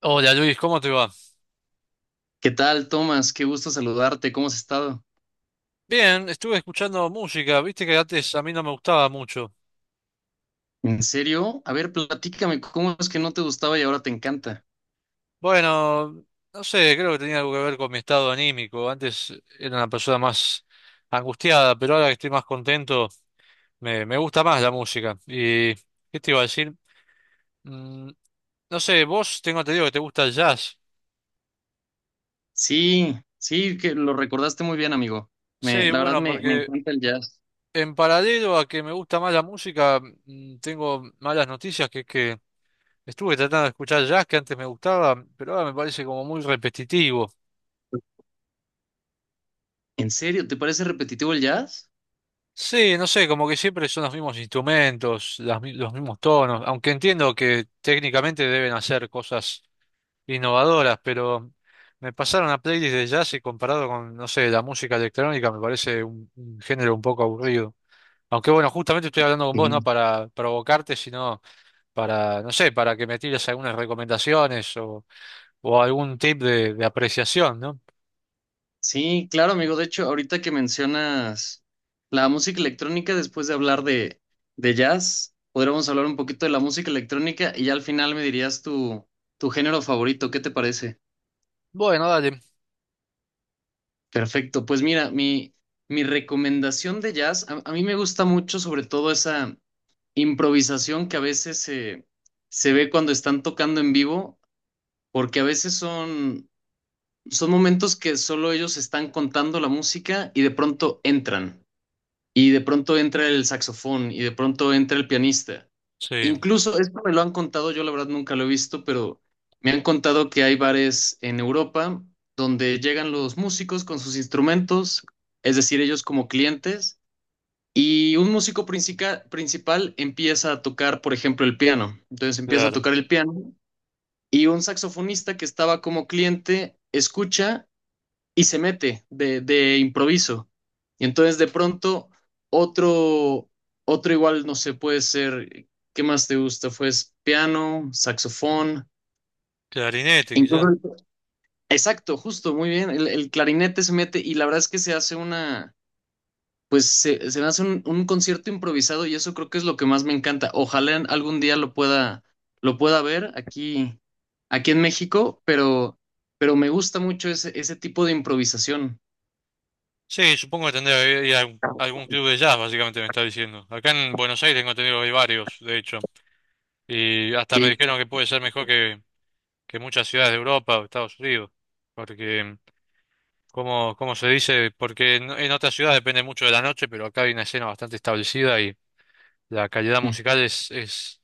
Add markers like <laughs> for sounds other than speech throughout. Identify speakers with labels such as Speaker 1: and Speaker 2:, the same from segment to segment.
Speaker 1: Hola Luis, ¿cómo te va?
Speaker 2: ¿Qué tal, Tomás? Qué gusto saludarte. ¿Cómo has estado?
Speaker 1: Bien, estuve escuchando música, viste que antes a mí no me gustaba mucho.
Speaker 2: ¿En serio? A ver, platícame, ¿cómo es que no te gustaba y ahora te encanta?
Speaker 1: Bueno, no sé, creo que tenía algo que ver con mi estado anímico. Antes era una persona más angustiada, pero ahora que estoy más contento, me gusta más la música. ¿Y qué te iba a decir? Mm, no sé, vos tengo entendido que te gusta el jazz.
Speaker 2: Sí, sí, que lo recordaste muy bien, amigo. Me,
Speaker 1: Sí,
Speaker 2: la verdad
Speaker 1: bueno,
Speaker 2: me, me
Speaker 1: porque
Speaker 2: encanta el jazz.
Speaker 1: en paralelo a que me gusta más la música, tengo malas noticias, que es que estuve tratando de escuchar jazz que antes me gustaba, pero ahora me parece como muy repetitivo.
Speaker 2: ¿En serio? ¿Te parece repetitivo el jazz?
Speaker 1: Sí, no sé, como que siempre son los mismos instrumentos, los mismos tonos, aunque entiendo que técnicamente deben hacer cosas innovadoras, pero me pasaron a playlist de jazz y comparado con, no sé, la música electrónica me parece un género un poco aburrido. Aunque bueno, justamente estoy hablando con vos no
Speaker 2: Sí.
Speaker 1: para provocarte, sino para, no sé, para que me tires algunas recomendaciones o algún tip de apreciación, ¿no?
Speaker 2: Sí, claro, amigo. De hecho, ahorita que mencionas la música electrónica, después de hablar de jazz, podríamos hablar un poquito de la música electrónica y ya al final me dirías tu género favorito. ¿Qué te parece?
Speaker 1: Bueno, dale.
Speaker 2: Perfecto, pues mira, mi recomendación de jazz, a mí me gusta mucho sobre todo esa improvisación que a veces se ve cuando están tocando en vivo, porque a veces son momentos que solo ellos están contando la música y de pronto entran y de pronto entra el saxofón y de pronto entra el pianista.
Speaker 1: Sí,
Speaker 2: Incluso, esto me lo han contado, yo la verdad nunca lo he visto, pero me han contado que hay bares en Europa donde llegan los músicos con sus instrumentos, es decir, ellos como clientes, y un músico principal empieza a tocar, por ejemplo, el piano. Entonces empieza a
Speaker 1: claro.
Speaker 2: tocar el piano y un saxofonista que estaba como cliente escucha y se mete de improviso. Y entonces de pronto otro, otro igual, no sé, puede ser, ¿qué más te gusta? Pues piano, saxofón.
Speaker 1: Clarinete, quizá.
Speaker 2: Incluso... Exacto, justo, muy bien. El clarinete se mete y la verdad es que se hace una, pues se hace un concierto improvisado y eso creo que es lo que más me encanta. Ojalá algún día lo pueda ver aquí, aquí en México, pero me gusta mucho ese tipo de improvisación.
Speaker 1: Sí, supongo que tendría que ir a algún club de jazz, básicamente me está diciendo. Acá en Buenos Aires tengo entendido que hay varios, de hecho. Y hasta me
Speaker 2: Que,
Speaker 1: dijeron que puede ser mejor que muchas ciudades de Europa o Estados Unidos. Porque, como se dice, porque en otras ciudades depende mucho de la noche, pero acá hay una escena bastante establecida y la calidad
Speaker 2: mm.
Speaker 1: musical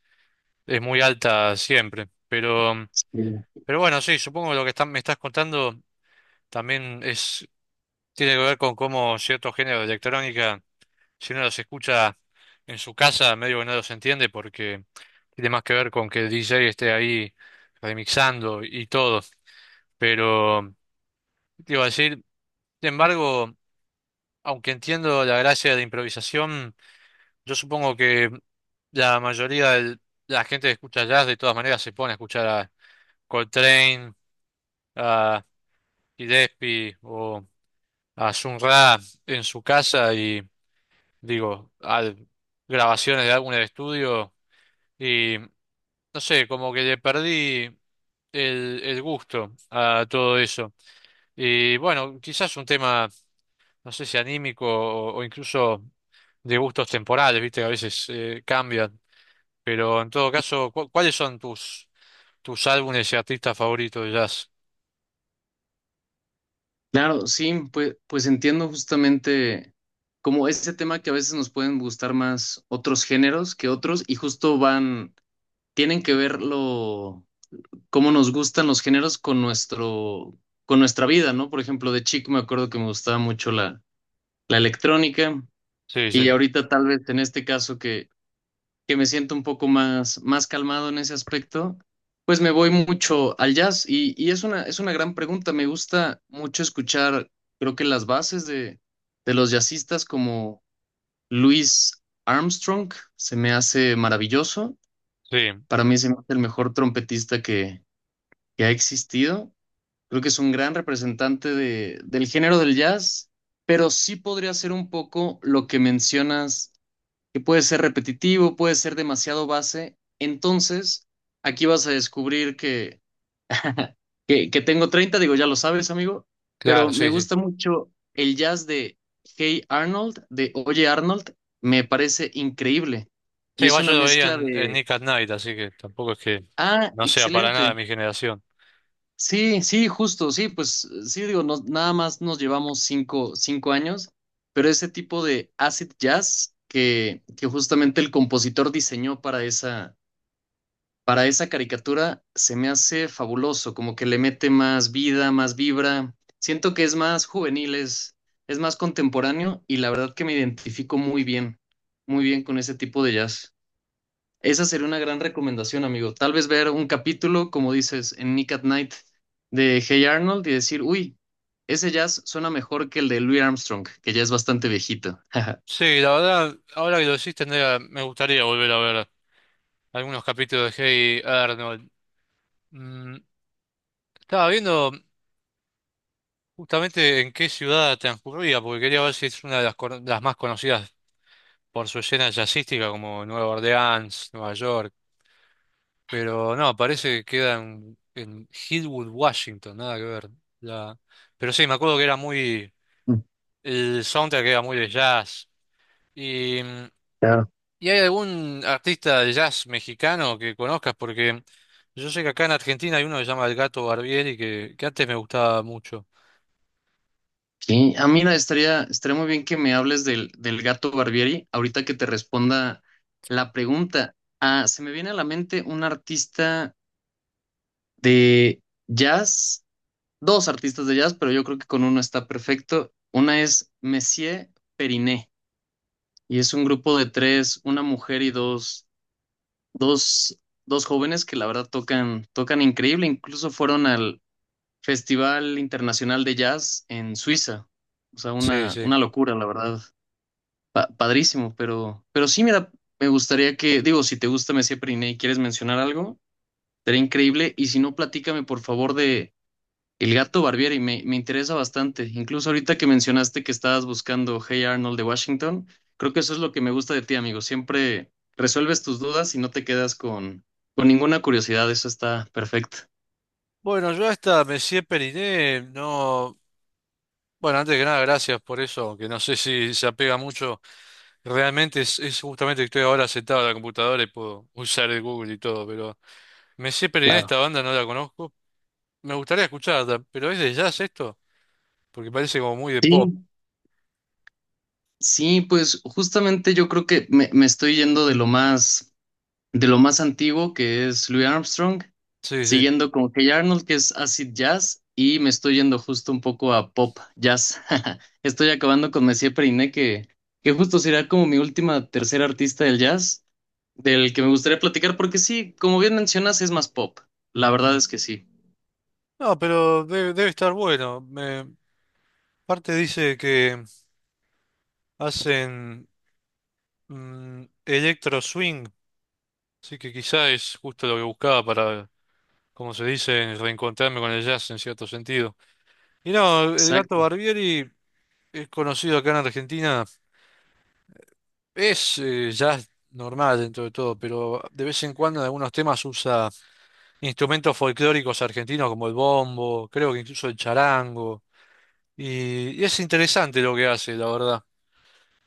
Speaker 1: es muy alta siempre.
Speaker 2: Sí.
Speaker 1: Pero bueno, sí, supongo que lo que me estás contando. También es, tiene que ver con cómo ciertos géneros de electrónica, si uno los escucha en su casa, medio que no los entiende porque tiene más que ver con que el DJ esté ahí remixando y todo. Pero, te iba a decir, sin embargo, aunque entiendo la gracia de la improvisación, yo supongo que la mayoría de la gente que escucha jazz de todas maneras se pone a escuchar a Coltrane, a Gillespie o a Sun Ra en su casa y digo, a grabaciones de álbumes de estudio y no sé, como que le perdí el gusto a todo eso. Y bueno, quizás un tema, no sé si anímico o incluso de gustos temporales, viste que a veces cambian, pero en todo caso, ¿cuáles son tus, tus álbumes y artistas favoritos de jazz?
Speaker 2: Claro, sí, pues, pues entiendo justamente como ese tema que a veces nos pueden gustar más otros géneros que otros y justo van, tienen que ver lo, cómo nos gustan los géneros con nuestro, con nuestra vida, ¿no? Por ejemplo, de chico me acuerdo que me gustaba mucho la electrónica
Speaker 1: Sí, sí,
Speaker 2: y ahorita tal vez en este caso que me siento un poco más, más calmado en ese aspecto, pues me voy mucho al jazz y es una gran pregunta. Me gusta mucho escuchar, creo que las bases de los jazzistas como Louis Armstrong se me hace maravilloso.
Speaker 1: sí,
Speaker 2: Para mí se me hace el mejor trompetista que ha existido. Creo que es un gran representante de, del género del jazz, pero sí podría ser un poco lo que mencionas que puede ser repetitivo, puede ser demasiado base. Entonces, aquí vas a descubrir que tengo 30, digo, ya lo sabes, amigo,
Speaker 1: claro,
Speaker 2: pero me
Speaker 1: sí, sí.
Speaker 2: gusta mucho el jazz de Hey Arnold, de Oye Arnold, me parece increíble.
Speaker 1: Sí,
Speaker 2: Y es
Speaker 1: igual yo
Speaker 2: una
Speaker 1: lo veía
Speaker 2: mezcla
Speaker 1: en
Speaker 2: de...
Speaker 1: Nick at Night, así que tampoco es que
Speaker 2: Ah,
Speaker 1: no sea para nada
Speaker 2: excelente.
Speaker 1: de mi generación.
Speaker 2: Sí, sí, justo, sí, pues sí, digo, nada más nos llevamos cinco años, pero ese tipo de acid jazz que justamente el compositor diseñó para esa caricatura se me hace fabuloso, como que le mete más vida, más vibra. Siento que es más juvenil, es más contemporáneo y la verdad que me identifico muy bien con ese tipo de jazz. Esa sería una gran recomendación, amigo. Tal vez ver un capítulo, como dices, en Nick at Night de Hey Arnold y decir, uy, ese jazz suena mejor que el de Louis Armstrong, que ya es bastante viejito. <laughs>
Speaker 1: Sí, la verdad, ahora que lo decís, tendría, me gustaría volver a ver algunos capítulos de Hey Arnold. Mm, estaba viendo justamente en qué ciudad transcurría, porque quería ver si es una de las, las más conocidas por su escena jazzística, como Nueva Orleans, Nueva York. Pero no, parece que queda en Hillwood, Washington, nada que ver. La... Pero sí, me acuerdo que era muy...
Speaker 2: Mm,
Speaker 1: El soundtrack era muy de jazz. ¿Y,
Speaker 2: ya.
Speaker 1: y hay algún artista de jazz mexicano que conozcas? Porque yo sé que acá en Argentina hay uno que se llama El Gato Barbieri, que antes me gustaba mucho.
Speaker 2: Sí, ah, mira, estaría, estaría muy bien que me hables del, del Gato Barbieri, ahorita que te responda la pregunta. Ah, se me viene a la mente un artista de jazz, dos artistas de jazz, pero yo creo que con uno está perfecto. Una es Messier Periné, y es un grupo de tres, una mujer y dos, dos jóvenes que la verdad tocan, tocan increíble, incluso fueron al Festival Internacional de Jazz en Suiza. O sea,
Speaker 1: Sí, sí.
Speaker 2: una locura, la verdad. Padrísimo, pero sí, mira, me gustaría que, digo, si te gusta Mesía Periné y quieres mencionar algo, sería increíble. Y si no, platícame por favor de El Gato Barbieri, me interesa bastante. Incluso ahorita que mencionaste que estabas buscando Hey Arnold de Washington, creo que eso es lo que me gusta de ti, amigo. Siempre resuelves tus dudas y no te quedas con ninguna curiosidad, eso está perfecto.
Speaker 1: Bueno, yo hasta Messier Periné, no... Bueno, antes que nada, gracias por eso, que no sé si se apega mucho. Realmente es justamente que estoy ahora sentado en la computadora y puedo usar el Google y todo, pero Messier Periné,
Speaker 2: Claro.
Speaker 1: esta banda no la conozco. Me gustaría escucharla, pero ¿es de jazz esto? Porque parece como muy de pop.
Speaker 2: Sí, sí, pues justamente yo creo que me estoy yendo de lo más antiguo que es Louis Armstrong,
Speaker 1: Sí, sí.
Speaker 2: siguiendo con Hey Arnold que es acid jazz y me estoy yendo justo un poco a pop jazz. <laughs> Estoy acabando con Messier Periné que justo será como mi última tercera artista del jazz del que me gustaría platicar porque sí, como bien mencionas es más pop. La verdad es que sí.
Speaker 1: No, pero debe, debe estar bueno. Me, parte dice que hacen electro swing, así que quizá es justo lo que buscaba para, como se dice, reencontrarme con el jazz en cierto sentido. Y no, el gato
Speaker 2: Exacto.
Speaker 1: Barbieri es conocido acá en Argentina, es jazz normal dentro de todo, pero de vez en cuando en algunos temas usa instrumentos folclóricos argentinos como el bombo, creo que incluso el charango, y es interesante lo que hace, la verdad.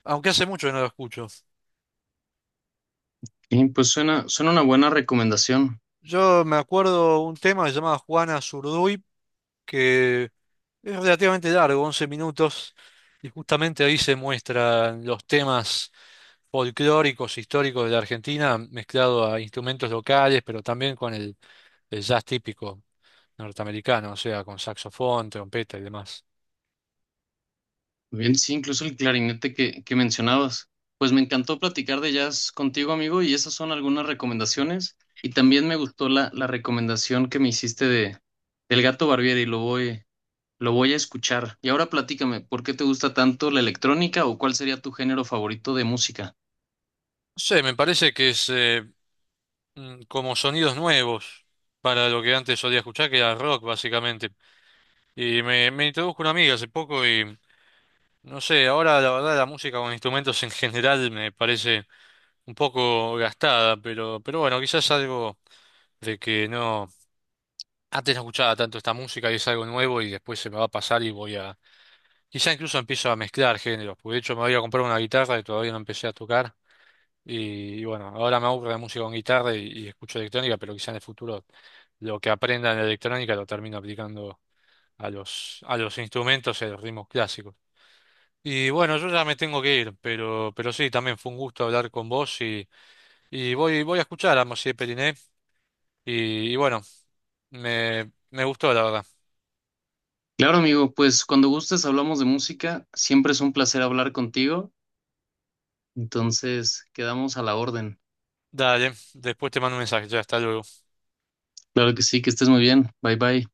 Speaker 1: Aunque hace mucho que no lo escucho.
Speaker 2: Y pues suena, suena una buena recomendación.
Speaker 1: Yo me acuerdo un tema que se llamaba Juana Zurduy, que es relativamente largo, 11 minutos, y justamente ahí se muestran los temas folclóricos, históricos de la Argentina, mezclado a instrumentos locales, pero también con el jazz típico norteamericano, o sea, con saxofón, trompeta y demás.
Speaker 2: Muy bien, sí, incluso el clarinete que mencionabas. Pues me encantó platicar de jazz contigo, amigo, y esas son algunas recomendaciones. Y también me gustó la recomendación que me hiciste de del Gato Barbieri, lo voy a escuchar. Y ahora platícame, ¿por qué te gusta tanto la electrónica o cuál sería tu género favorito de música?
Speaker 1: No sé, me parece que es como sonidos nuevos para lo que antes solía escuchar, que era rock básicamente. Y me introdujo una amiga hace poco y no sé, ahora la verdad la música con instrumentos en general me parece un poco gastada, pero bueno, quizás algo de que no, antes no escuchaba tanto esta música y es algo nuevo y después se me va a pasar y voy a, quizá incluso empiezo a mezclar géneros, porque de hecho me voy a comprar una guitarra y todavía no empecé a tocar y bueno, ahora me aburre la música con guitarra y escucho electrónica, pero quizá en el futuro lo que aprenda en la electrónica lo termino aplicando a a los instrumentos y a los ritmos clásicos. Y bueno, yo ya me tengo que ir, pero sí, también fue un gusto hablar con vos y voy a escuchar a Mosié Periné y bueno, me gustó la verdad.
Speaker 2: Claro, amigo, pues cuando gustes hablamos de música, siempre es un placer hablar contigo, entonces quedamos a la orden.
Speaker 1: Dale, después te mando un mensaje, ya hasta luego.
Speaker 2: Claro que sí, que estés muy bien. Bye bye.